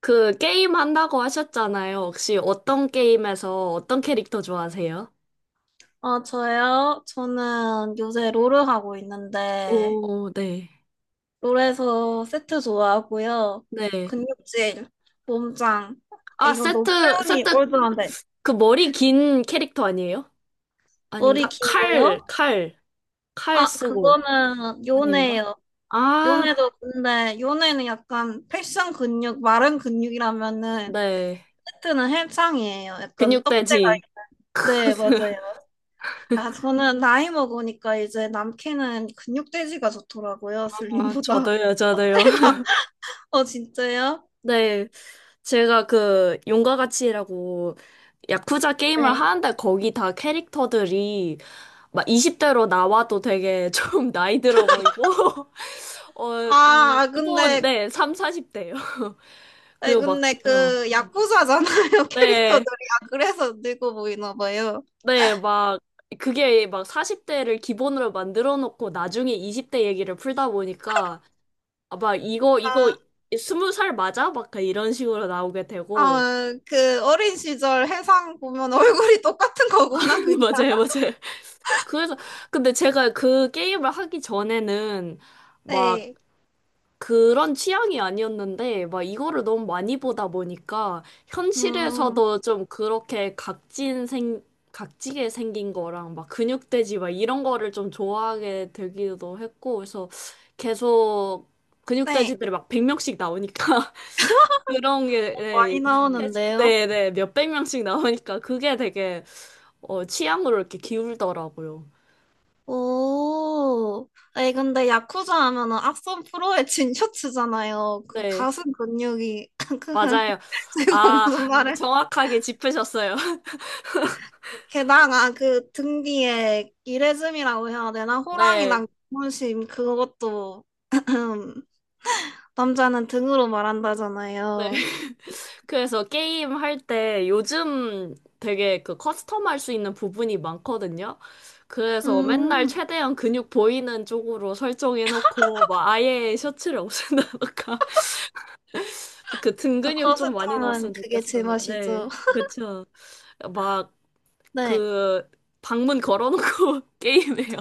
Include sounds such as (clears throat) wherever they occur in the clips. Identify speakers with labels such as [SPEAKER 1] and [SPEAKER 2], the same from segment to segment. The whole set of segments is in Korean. [SPEAKER 1] 그 게임 한다고 하셨잖아요. 혹시 어떤 게임에서 어떤 캐릭터 좋아하세요?
[SPEAKER 2] 아, 저요? 저는 요새 롤을 하고 있는데,
[SPEAKER 1] 오, 네.
[SPEAKER 2] 롤에서 세트 좋아하고요.
[SPEAKER 1] 네.
[SPEAKER 2] 근육질, 몸짱.
[SPEAKER 1] 아,
[SPEAKER 2] 이거 너무
[SPEAKER 1] 세트,
[SPEAKER 2] 표현이
[SPEAKER 1] 세트,
[SPEAKER 2] 올드한데.
[SPEAKER 1] 그 머리 긴 캐릭터 아니에요?
[SPEAKER 2] 머리
[SPEAKER 1] 아닌가?
[SPEAKER 2] 긴
[SPEAKER 1] 칼,
[SPEAKER 2] 거요?
[SPEAKER 1] 칼, 칼
[SPEAKER 2] 아,
[SPEAKER 1] 쓰고.
[SPEAKER 2] 그거는
[SPEAKER 1] 아닌가?
[SPEAKER 2] 요네예요.
[SPEAKER 1] 아,
[SPEAKER 2] 요네도 근데, 요네는 약간 패션 근육, 마른 근육이라면은,
[SPEAKER 1] 네.
[SPEAKER 2] 세트는 헬창이에요. 약간 떡대가,
[SPEAKER 1] 근육돼지.
[SPEAKER 2] 있는데 네,
[SPEAKER 1] (laughs)
[SPEAKER 2] 맞아요. 아, 저는 나이 먹으니까 이제 남캐는 근육돼지가 좋더라고요,
[SPEAKER 1] 아,
[SPEAKER 2] 슬림보다.
[SPEAKER 1] 저도요, 저도요.
[SPEAKER 2] (laughs) 어, 진짜요?
[SPEAKER 1] 네, 제가 그 용과 같이라고 야쿠자 게임을
[SPEAKER 2] 네.
[SPEAKER 1] 하는데 거기 다 캐릭터들이 막 20대로 나와도 되게 좀 (laughs) 나이 들어 보이고 (laughs) 어
[SPEAKER 2] 아,
[SPEAKER 1] 기본
[SPEAKER 2] 근데,
[SPEAKER 1] 네, 3, 40대요. (laughs)
[SPEAKER 2] 아,
[SPEAKER 1] 그리고 막
[SPEAKER 2] 근데 그, 야쿠자잖아요, (laughs)
[SPEAKER 1] 네,
[SPEAKER 2] 캐릭터들이. 아, 그래서 늙어 보이나 봐요.
[SPEAKER 1] 네, 막 그게 막 40대를 기본으로 만들어 놓고 나중에 20대 얘기를 풀다 보니까 아마 이거
[SPEAKER 2] 아,
[SPEAKER 1] 이거 20살 맞아? 막 이런 식으로 나오게 되고
[SPEAKER 2] 그, 어린 시절 해상 보면 얼굴이 똑같은 거구나,
[SPEAKER 1] (laughs)
[SPEAKER 2] 그냥.
[SPEAKER 1] 맞아요, 맞아요. 그래서 근데 제가 그 게임을 하기 전에는 막
[SPEAKER 2] 네.
[SPEAKER 1] 그런 취향이 아니었는데 막 이거를 너무 많이 보다 보니까
[SPEAKER 2] 음,
[SPEAKER 1] 현실에서도 좀 그렇게 각진 생 각지게 생긴 거랑 막 근육돼지 막 이런 거를 좀 좋아하게 되기도 했고 그래서 계속
[SPEAKER 2] 네.
[SPEAKER 1] 근육돼지들이 막 100명씩 나오니까 (laughs) 그런 게 네,
[SPEAKER 2] 많이
[SPEAKER 1] 익숙해지
[SPEAKER 2] 나오는데요.
[SPEAKER 1] 네네 몇백 명씩 나오니까 그게 되게 취향으로 이렇게 기울더라고요.
[SPEAKER 2] 오. 아니, 근데 야쿠자 하면은 악선 프로의 진 셔츠잖아요. 그
[SPEAKER 1] 네.
[SPEAKER 2] 가슴 근육이. (laughs) 그,
[SPEAKER 1] 맞아요.
[SPEAKER 2] 제가
[SPEAKER 1] 아,
[SPEAKER 2] 무슨 말을.
[SPEAKER 1] 정확하게 짚으셨어요. (laughs)
[SPEAKER 2] 게다가 그 등 뒤에 이레즘이라고 해야 되나?
[SPEAKER 1] 네,
[SPEAKER 2] 호랑이랑 문심 그것도 (laughs) 남자는 등으로
[SPEAKER 1] 네.
[SPEAKER 2] 말한다잖아요.
[SPEAKER 1] 그래서 게임 할 때 요즘 되게 그 커스텀 할 수 있는 부분이 많거든요. 그래서 맨날
[SPEAKER 2] 음,
[SPEAKER 1] 최대한 근육 보이는 쪽으로 설정해놓고 막 아예 셔츠를 없앤다던가 (laughs) 그 등
[SPEAKER 2] 아,
[SPEAKER 1] 근육 좀 많이 나왔으면
[SPEAKER 2] 커스텀은 그게
[SPEAKER 1] 좋겠어요.
[SPEAKER 2] 제맛이죠.
[SPEAKER 1] 네,
[SPEAKER 2] (laughs)
[SPEAKER 1] 그쵸. 막
[SPEAKER 2] 네.
[SPEAKER 1] 그 방문 걸어놓고 (laughs) 게임해요.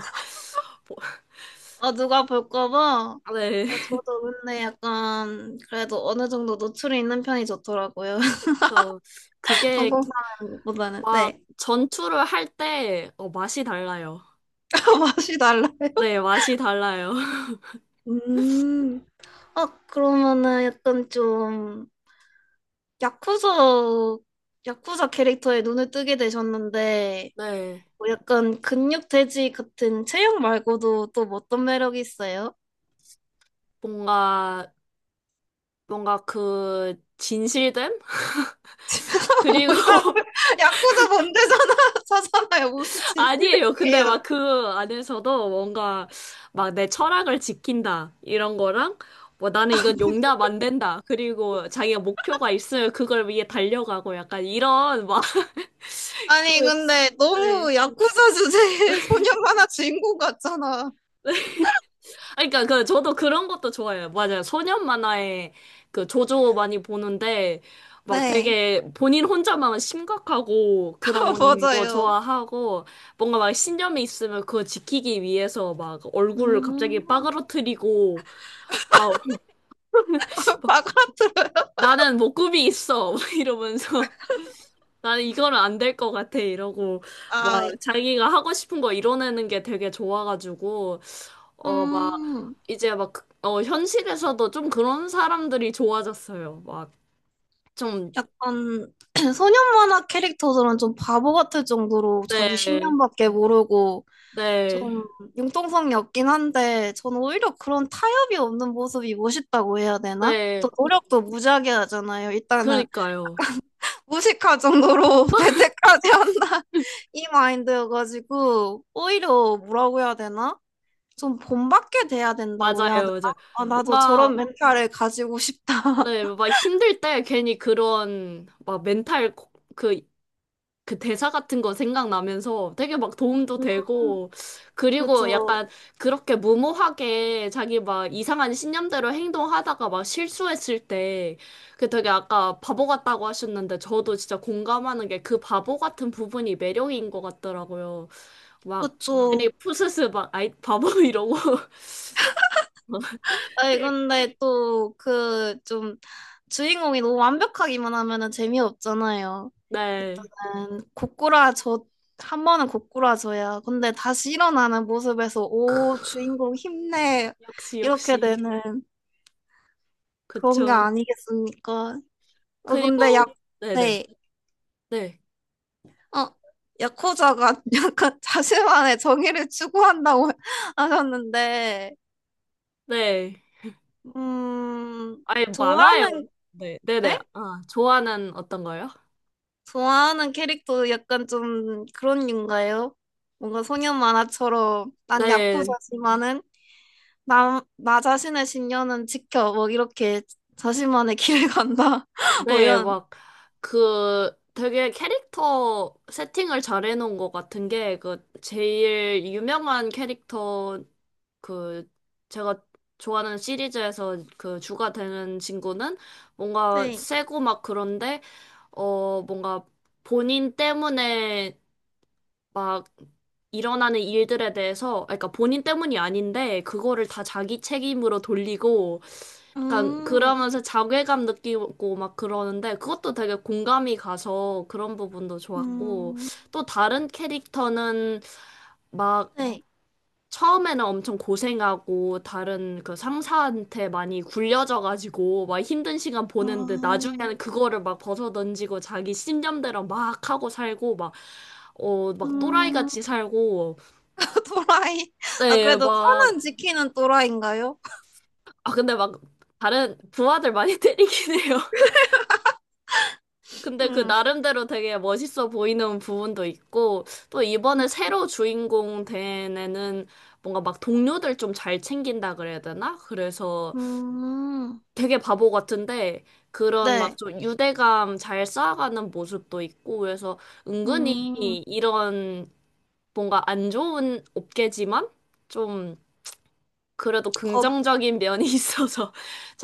[SPEAKER 2] 어, 누가 볼까 봐.
[SPEAKER 1] (laughs) 네,
[SPEAKER 2] 어, 저도 근데 약간 그래도 어느 정도 노출이 있는 편이 좋더라고요. (laughs)
[SPEAKER 1] 그쵸. 그게
[SPEAKER 2] 항공사보다는
[SPEAKER 1] 막
[SPEAKER 2] 네.
[SPEAKER 1] 전투를 할 때, 맛이 달라요.
[SPEAKER 2] (laughs) 맛이 달라요.
[SPEAKER 1] 네, 맛이 달라요. (laughs)
[SPEAKER 2] 음. 어, 그러면은 약간 좀 야쿠자, 야쿠자 캐릭터에 눈을 뜨게 되셨는데,
[SPEAKER 1] 네.
[SPEAKER 2] 뭐 약간 근육 돼지 같은 체형 말고도 또 뭐 어떤 매력이 있어요?
[SPEAKER 1] 뭔가, 뭔가 그, 진실됨?
[SPEAKER 2] (laughs)
[SPEAKER 1] 그리고,
[SPEAKER 2] 뭐냐고.
[SPEAKER 1] (laughs)
[SPEAKER 2] 야쿠자 본대잖아 (laughs) 사잖아요. 무슨
[SPEAKER 1] 아니에요. 근데
[SPEAKER 2] 진실이에요.
[SPEAKER 1] 막 그 안에서도 뭔가, 막 내 철학을 지킨다. 이런 거랑, 뭐 나는 이건 용납 안 된다. 그리고 자기가 목표가 있으면 그걸 위해 달려가고 약간 이런, 막, (laughs) 그,
[SPEAKER 2] 아니 근데
[SPEAKER 1] 네.
[SPEAKER 2] 너무 야쿠자 주제의 (laughs) 소년 만화 주인공 같잖아.
[SPEAKER 1] 아니, 그러니까 그 저도 그런 것도 좋아해요. 맞아요. 소년 만화에 그 조조 많이 보는데 막
[SPEAKER 2] 네.
[SPEAKER 1] 되게 본인 혼자만 심각하고
[SPEAKER 2] (laughs)
[SPEAKER 1] 그런 거
[SPEAKER 2] 맞아요.
[SPEAKER 1] 좋아하고 뭔가 막 신념이 있으면 그거 지키기 위해서 막 얼굴을
[SPEAKER 2] 음,
[SPEAKER 1] 갑자기 빠그러뜨리고 막
[SPEAKER 2] (laughs) 바가트아.
[SPEAKER 1] 나는 목구비 있어 (laughs) 막 이러면서 나는 이거는 안 될 것 같아 이러고 막 자기가 하고 싶은 거 이뤄내는 게 되게 좋아가지고 막
[SPEAKER 2] 음.
[SPEAKER 1] 이제 막 현실에서도 좀 그런 사람들이 좋아졌어요. 막 좀
[SPEAKER 2] 약간 (clears throat) 소년 만화 캐릭터들은 좀 바보 같을 정도로 자기
[SPEAKER 1] 네,
[SPEAKER 2] 신념밖에 모르고
[SPEAKER 1] 네,
[SPEAKER 2] 좀 융통성이 없긴 한데 저는 오히려 그런 타협이 없는 모습이 멋있다고 해야 되나? 또
[SPEAKER 1] 네,
[SPEAKER 2] 노력도 무지하게 하잖아요. 일단은
[SPEAKER 1] 그러니까요.
[SPEAKER 2] 무식할 정도로 (laughs) 대퇴까지 한다 이 마인드여가지고 오히려 뭐라고 해야 되나? 좀 본받게 돼야 된다고 해야 되나?
[SPEAKER 1] 맞아요. 이제
[SPEAKER 2] 아 나도
[SPEAKER 1] 뭔가
[SPEAKER 2] 저런 멘탈을 가지고 싶다.
[SPEAKER 1] 네, 막 힘들 때 괜히 그런 막 멘탈 그 그 대사 같은 거 생각나면서 되게 막 도움도
[SPEAKER 2] (laughs) 음,
[SPEAKER 1] 되고, 그리고
[SPEAKER 2] 그죠.
[SPEAKER 1] 약간 그렇게 무모하게 자기 막 이상한 신념대로 행동하다가 막 실수했을 때, 그 되게 아까 바보 같다고 하셨는데, 저도 진짜 공감하는 게 그 바보 같은 부분이 매력인 것 같더라고요. 막 괜히
[SPEAKER 2] 그쵸.
[SPEAKER 1] 푸스스 막 아이, 바보 (laughs) 이러고. (laughs)
[SPEAKER 2] 아니,
[SPEAKER 1] 네.
[SPEAKER 2] 근데 또, 그, 좀, 주인공이 너무 완벽하기만 하면은 재미없잖아요.
[SPEAKER 1] 네.
[SPEAKER 2] 일단은, 고꾸라져, 한 번은 고꾸라져야. 근데 다시 일어나는 모습에서, 오,
[SPEAKER 1] 크,
[SPEAKER 2] 주인공 힘내.
[SPEAKER 1] 역시,
[SPEAKER 2] 이렇게
[SPEAKER 1] 역시.
[SPEAKER 2] 되는 그런 게
[SPEAKER 1] 그쵸.
[SPEAKER 2] 아니겠습니까? 어, 근데 야,
[SPEAKER 1] 그리고, 네네.
[SPEAKER 2] 네.
[SPEAKER 1] 네.
[SPEAKER 2] 어, 야쿠자가 (laughs) 약간 자신만의 정의를 추구한다고 (laughs) 하셨는데,
[SPEAKER 1] 네.
[SPEAKER 2] 음,
[SPEAKER 1] 아예 많아요.
[SPEAKER 2] 좋아하는,
[SPEAKER 1] 네, 네네.
[SPEAKER 2] 네?
[SPEAKER 1] 아, 좋아하는 어떤 거요?
[SPEAKER 2] 좋아하는 캐릭터 약간 좀 그런 류인가요? 뭔가 소년 만화처럼 난
[SPEAKER 1] 네,
[SPEAKER 2] 야쿠자지만은 나 자신의 신념은 지켜 뭐 이렇게 자신만의 길을 간다 (laughs) 뭐
[SPEAKER 1] 네,
[SPEAKER 2] 이런.
[SPEAKER 1] 막, 그, 되게 캐릭터 세팅을 잘 해놓은 것 같은 게, 그, 제일 유명한 캐릭터, 그, 제가 좋아하는 시리즈에서 그 주가 되는 친구는 뭔가
[SPEAKER 2] 네.
[SPEAKER 1] 세고 막 그런데, 뭔가 본인 때문에 막 일어나는 일들에 대해서, 그러니까 본인 때문이 아닌데, 그거를 다 자기 책임으로 돌리고, 약간
[SPEAKER 2] 음,
[SPEAKER 1] 그러면서 자괴감 느끼고 막 그러는데, 그것도 되게 공감이 가서 그런 부분도 좋았고,
[SPEAKER 2] 음,
[SPEAKER 1] 또 다른 캐릭터는 막
[SPEAKER 2] 네.
[SPEAKER 1] 처음에는 엄청 고생하고 다른 그 상사한테 많이 굴려져가지고 막 힘든 시간 보는데
[SPEAKER 2] 아,
[SPEAKER 1] 나중에는 그거를 막 벗어던지고 자기 신념대로 막 하고 살고 막 막 또라이
[SPEAKER 2] 음,
[SPEAKER 1] 같이 살고
[SPEAKER 2] (laughs) 또라이. 아,
[SPEAKER 1] 네,
[SPEAKER 2] 그래도
[SPEAKER 1] 막
[SPEAKER 2] 선은 지키는 또라이인가요?
[SPEAKER 1] 아, 근데 막 다른 부하들 많이 (laughs) 때리긴 해요. 근데 그
[SPEAKER 2] 음,
[SPEAKER 1] 나름대로 되게 멋있어 보이는 부분도 있고 또 이번에 새로 주인공 된 애는 뭔가 막 동료들 좀 잘 챙긴다 그래야 되나? 그래서
[SPEAKER 2] 음,
[SPEAKER 1] 되게 바보 같은데 그런 막
[SPEAKER 2] 네.
[SPEAKER 1] 좀 유대감 잘 쌓아가는 모습도 있고 그래서
[SPEAKER 2] 음,
[SPEAKER 1] 은근히 이런 뭔가 안 좋은 업계지만 좀 그래도
[SPEAKER 2] 겁,
[SPEAKER 1] 긍정적인 면이 (laughs) 있어서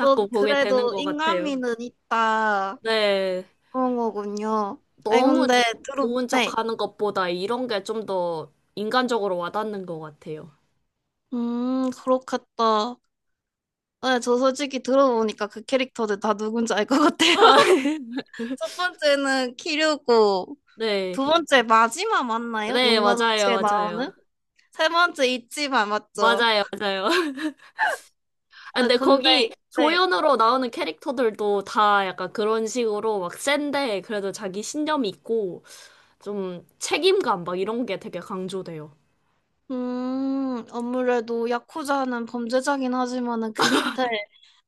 [SPEAKER 2] 어,
[SPEAKER 1] 보게 되는
[SPEAKER 2] 그래도
[SPEAKER 1] 것 같아요.
[SPEAKER 2] 인간미는 있다.
[SPEAKER 1] 네.
[SPEAKER 2] 그런 거군요. 아니,
[SPEAKER 1] 너무
[SPEAKER 2] 근데, 들어,
[SPEAKER 1] 좋은
[SPEAKER 2] 네.
[SPEAKER 1] 척 하는 것보다 이런 게 좀 더 인간적으로 와닿는 것 같아요.
[SPEAKER 2] 그렇겠다. 네, 저 솔직히 들어보니까 그 캐릭터들 다 누군지 알 것 같아요.
[SPEAKER 1] (laughs)
[SPEAKER 2] (laughs) 첫 번째는 키류고,
[SPEAKER 1] 네.
[SPEAKER 2] 두 번째 마지막 맞나요?
[SPEAKER 1] 네,
[SPEAKER 2] 용과
[SPEAKER 1] 맞아요,
[SPEAKER 2] 같이
[SPEAKER 1] 맞아요.
[SPEAKER 2] 나오는? 세 번째 있지만 맞죠?
[SPEAKER 1] 맞아요, 맞아요. 아,
[SPEAKER 2] 네,
[SPEAKER 1] 근데 거기
[SPEAKER 2] 근데, 네.
[SPEAKER 1] 조연으로 나오는 캐릭터들도 다 약간 그런 식으로 막 센데 그래도 자기 신념이 있고 좀 책임감 막 이런 게 되게 강조돼요.
[SPEAKER 2] 아무래도 야쿠자는 범죄자긴 하지만은 그 밑에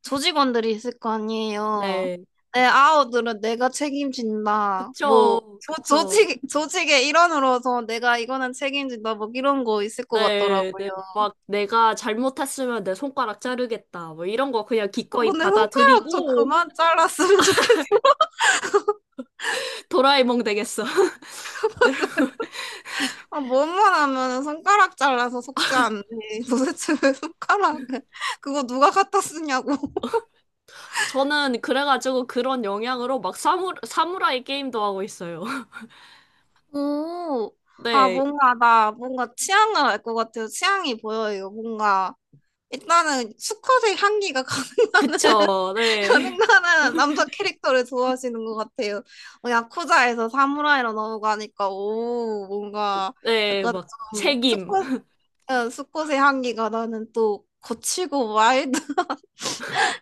[SPEAKER 2] 조직원들이 있을 거 아니에요.
[SPEAKER 1] 네,
[SPEAKER 2] 내 아우들은 내가 책임진다. 뭐
[SPEAKER 1] 그쵸,
[SPEAKER 2] 조,
[SPEAKER 1] 그쵸.
[SPEAKER 2] 조직 조직의 일원으로서 내가 이거는 책임진다. 뭐 이런 거 있을 것
[SPEAKER 1] 네,
[SPEAKER 2] 같더라고요.
[SPEAKER 1] 네, 막 내가 잘못했으면 내 손가락 자르겠다. 뭐 이런 거 그냥
[SPEAKER 2] 아,
[SPEAKER 1] 기꺼이
[SPEAKER 2] 근데 손가락 좀
[SPEAKER 1] 받아들이고
[SPEAKER 2] 그만 잘랐으면 좋겠어.
[SPEAKER 1] (laughs) 도라에몽 되겠어. (laughs)
[SPEAKER 2] (laughs) 아, 뭐만 하면은 손가락 잘라서 속지 않네. (laughs) 도대체 왜 손가락을. 그거 누가 갖다 쓰냐고.
[SPEAKER 1] 저는 그래가지고 그런 영향으로 막 사무라이 게임도 하고 있어요. (laughs)
[SPEAKER 2] 오, 아,
[SPEAKER 1] 네,
[SPEAKER 2] 뭔가, 나, 뭔가 취향을 알 것 같아요. 취향이 보여요. 뭔가, 일단은 수컷의 향기가 (laughs)
[SPEAKER 1] 그쵸, 네,
[SPEAKER 2] 가능한 남자 캐릭터를 좋아하시는 것 같아요. 어, 야쿠자에서 사무라이로 넘어가니까, 오, 뭔가,
[SPEAKER 1] 네,
[SPEAKER 2] 약간
[SPEAKER 1] 막
[SPEAKER 2] 좀,
[SPEAKER 1] 책임.
[SPEAKER 2] 수컷, 어, 수컷의 향기가 나는 또, 거칠고 와일드 (laughs)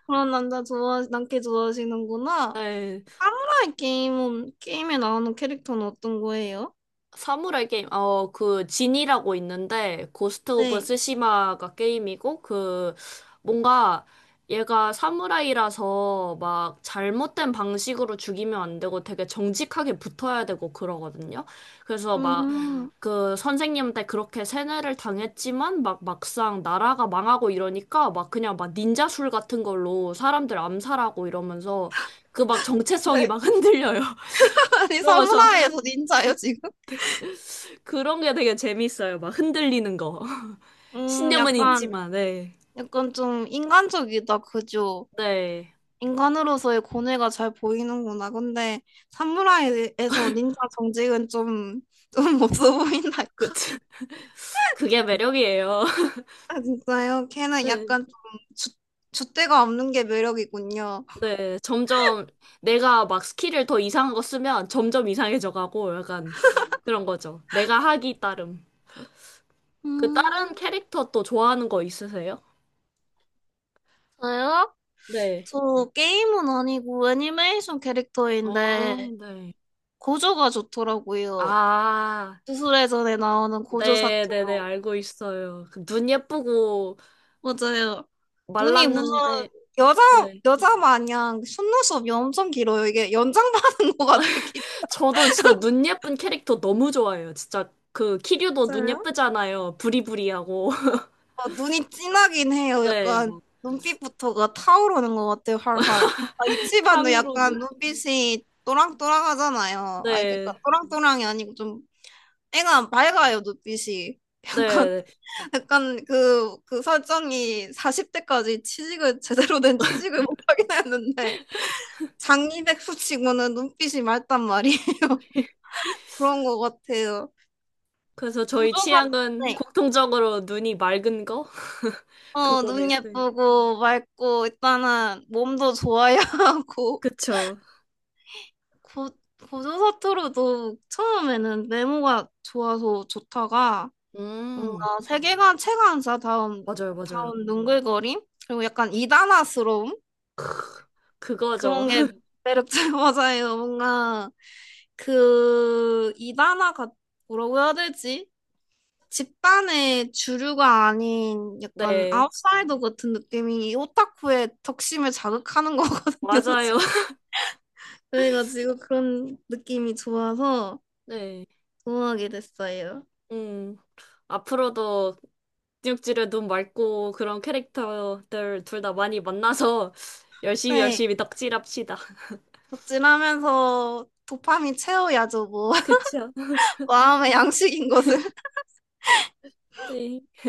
[SPEAKER 2] 그런 남자 좋아, 남캐 좋아하시는구나.
[SPEAKER 1] 네.
[SPEAKER 2] 사무라이 게임은, 게임에 나오는 캐릭터는 어떤 거예요?
[SPEAKER 1] 사무라이 게임, 그, 진이라고 있는데, 고스트 오브
[SPEAKER 2] 네.
[SPEAKER 1] 스시마가 게임이고, 그, 뭔가, 얘가 사무라이라서 막 잘못된 방식으로 죽이면 안 되고 되게 정직하게 붙어야 되고 그러거든요. 그래서 막
[SPEAKER 2] 음,
[SPEAKER 1] 그 선생님한테 그렇게 세뇌를 당했지만 막 막상 나라가 망하고 이러니까 막 그냥 막 닌자술 같은 걸로 사람들 암살하고 이러면서 그 막 정체성이
[SPEAKER 2] 네.
[SPEAKER 1] 막 흔들려요. (laughs)
[SPEAKER 2] 아니,
[SPEAKER 1] 그러면서
[SPEAKER 2] 사무라이에서 닌자예요, 지금?
[SPEAKER 1] 그런 게 되게 재밌어요. 막 흔들리는 거. (laughs) 신념은
[SPEAKER 2] 약간,
[SPEAKER 1] 있지만, 네.
[SPEAKER 2] 약간 좀 인간적이다, 그죠?
[SPEAKER 1] 네.
[SPEAKER 2] 인간으로서의 고뇌가 잘 보이는구나. 근데 사무라이에서 닌자 정직은 좀, 좀 (laughs) 없어
[SPEAKER 1] 그,
[SPEAKER 2] 보인달까?
[SPEAKER 1] (laughs) 그게 매력이에요. (laughs)
[SPEAKER 2] 아, 진짜요? 걔는
[SPEAKER 1] 네.
[SPEAKER 2] 약간 좀 주, 줏대가 없는 게 매력이군요.
[SPEAKER 1] 네. 점점 내가 막 스킬을 더 이상한 거 쓰면 점점 이상해져 가고 약간 그런 거죠. 내가 하기 따름. 그
[SPEAKER 2] 음,
[SPEAKER 1] 다른 캐릭터 또 좋아하는 거 있으세요?
[SPEAKER 2] 저요?
[SPEAKER 1] 네.
[SPEAKER 2] 저 게임은 아니고 애니메이션
[SPEAKER 1] 어,
[SPEAKER 2] 캐릭터인데
[SPEAKER 1] 네.
[SPEAKER 2] 고조가 좋더라고요.
[SPEAKER 1] 아,
[SPEAKER 2] 주술회전에 나오는 고조.
[SPEAKER 1] 네네네. 알고 있어요. 그눈 예쁘고
[SPEAKER 2] 맞아요. 눈이 무슨
[SPEAKER 1] 말랐는데,
[SPEAKER 2] 여자
[SPEAKER 1] 네.
[SPEAKER 2] 여자 마냥 속눈썹이 엄청 길어요. 이게 연장받은 (laughs) 것 같아 길이.
[SPEAKER 1] 저도 진짜 눈 예쁜 캐릭터 너무 좋아해요. 진짜 그 키류도 눈
[SPEAKER 2] 진짜요?
[SPEAKER 1] 예쁘잖아요. 부리부리하고. (laughs)
[SPEAKER 2] 아, 눈이 진하긴 해요.
[SPEAKER 1] 네,
[SPEAKER 2] 약간
[SPEAKER 1] 뭐
[SPEAKER 2] 눈빛부터가 타오르는 것 같아요. 활활. 아, 이치반도
[SPEAKER 1] 탕후루는
[SPEAKER 2] 약간 눈빛이 또랑또랑하잖아요. 아니
[SPEAKER 1] 네.
[SPEAKER 2] 그러니까
[SPEAKER 1] 네.
[SPEAKER 2] 또랑또랑이 아니고 좀 애가 밝아요 눈빛이. (laughs) 약간
[SPEAKER 1] 네.
[SPEAKER 2] 약간 그 설정이 40대까지 취직을 제대로 된 취직을 못하긴 했는데. 장이백수 치고는 눈빛이 맑단 말이에요. (laughs) 그런 것 같아요.
[SPEAKER 1] 그래서 저희
[SPEAKER 2] 구조사.
[SPEAKER 1] 취향은
[SPEAKER 2] 네.
[SPEAKER 1] 공통적으로 눈이 맑은 거 (laughs)
[SPEAKER 2] 어,
[SPEAKER 1] 그거네요.
[SPEAKER 2] 눈
[SPEAKER 1] 네.
[SPEAKER 2] 예쁘고 맑고 일단은 몸도 좋아야 (laughs) 하고
[SPEAKER 1] 그쵸.
[SPEAKER 2] 고, 고조사투로도 처음에는 외모가 좋아서 좋다가
[SPEAKER 1] 음.
[SPEAKER 2] 뭔가 세계관 체감사 다운
[SPEAKER 1] 맞아요, 맞아요.
[SPEAKER 2] 다운 눈글거림 그리고 약간 이단아스러움
[SPEAKER 1] 크, 그거죠.
[SPEAKER 2] 그런 게
[SPEAKER 1] (laughs)
[SPEAKER 2] 매력적 (laughs) 맞아요. 뭔가 그 이단아가 뭐라고 해야 되지? 집단의 주류가 아닌 약간
[SPEAKER 1] 네.
[SPEAKER 2] 아웃사이더 같은 느낌이 이 오타쿠의 적심을 자극하는 (laughs) 거거든요,
[SPEAKER 1] 맞아요.
[SPEAKER 2] 솔직히.
[SPEAKER 1] (laughs)
[SPEAKER 2] 저희가 지금 그런 느낌이 좋아서
[SPEAKER 1] 네.
[SPEAKER 2] 좋아하게 됐어요.
[SPEAKER 1] 음. 앞으로도 뉴욕지를 눈 맑고 그런 캐릭터들 둘 다 많이 만나서 (laughs) 열심히
[SPEAKER 2] 네,
[SPEAKER 1] 열심히 덕질합시다.
[SPEAKER 2] 덕질하면서 도파민 채워야죠, 뭐.
[SPEAKER 1] 그쵸. (laughs)
[SPEAKER 2] (laughs) 마음의 양식인 것을.
[SPEAKER 1] 네.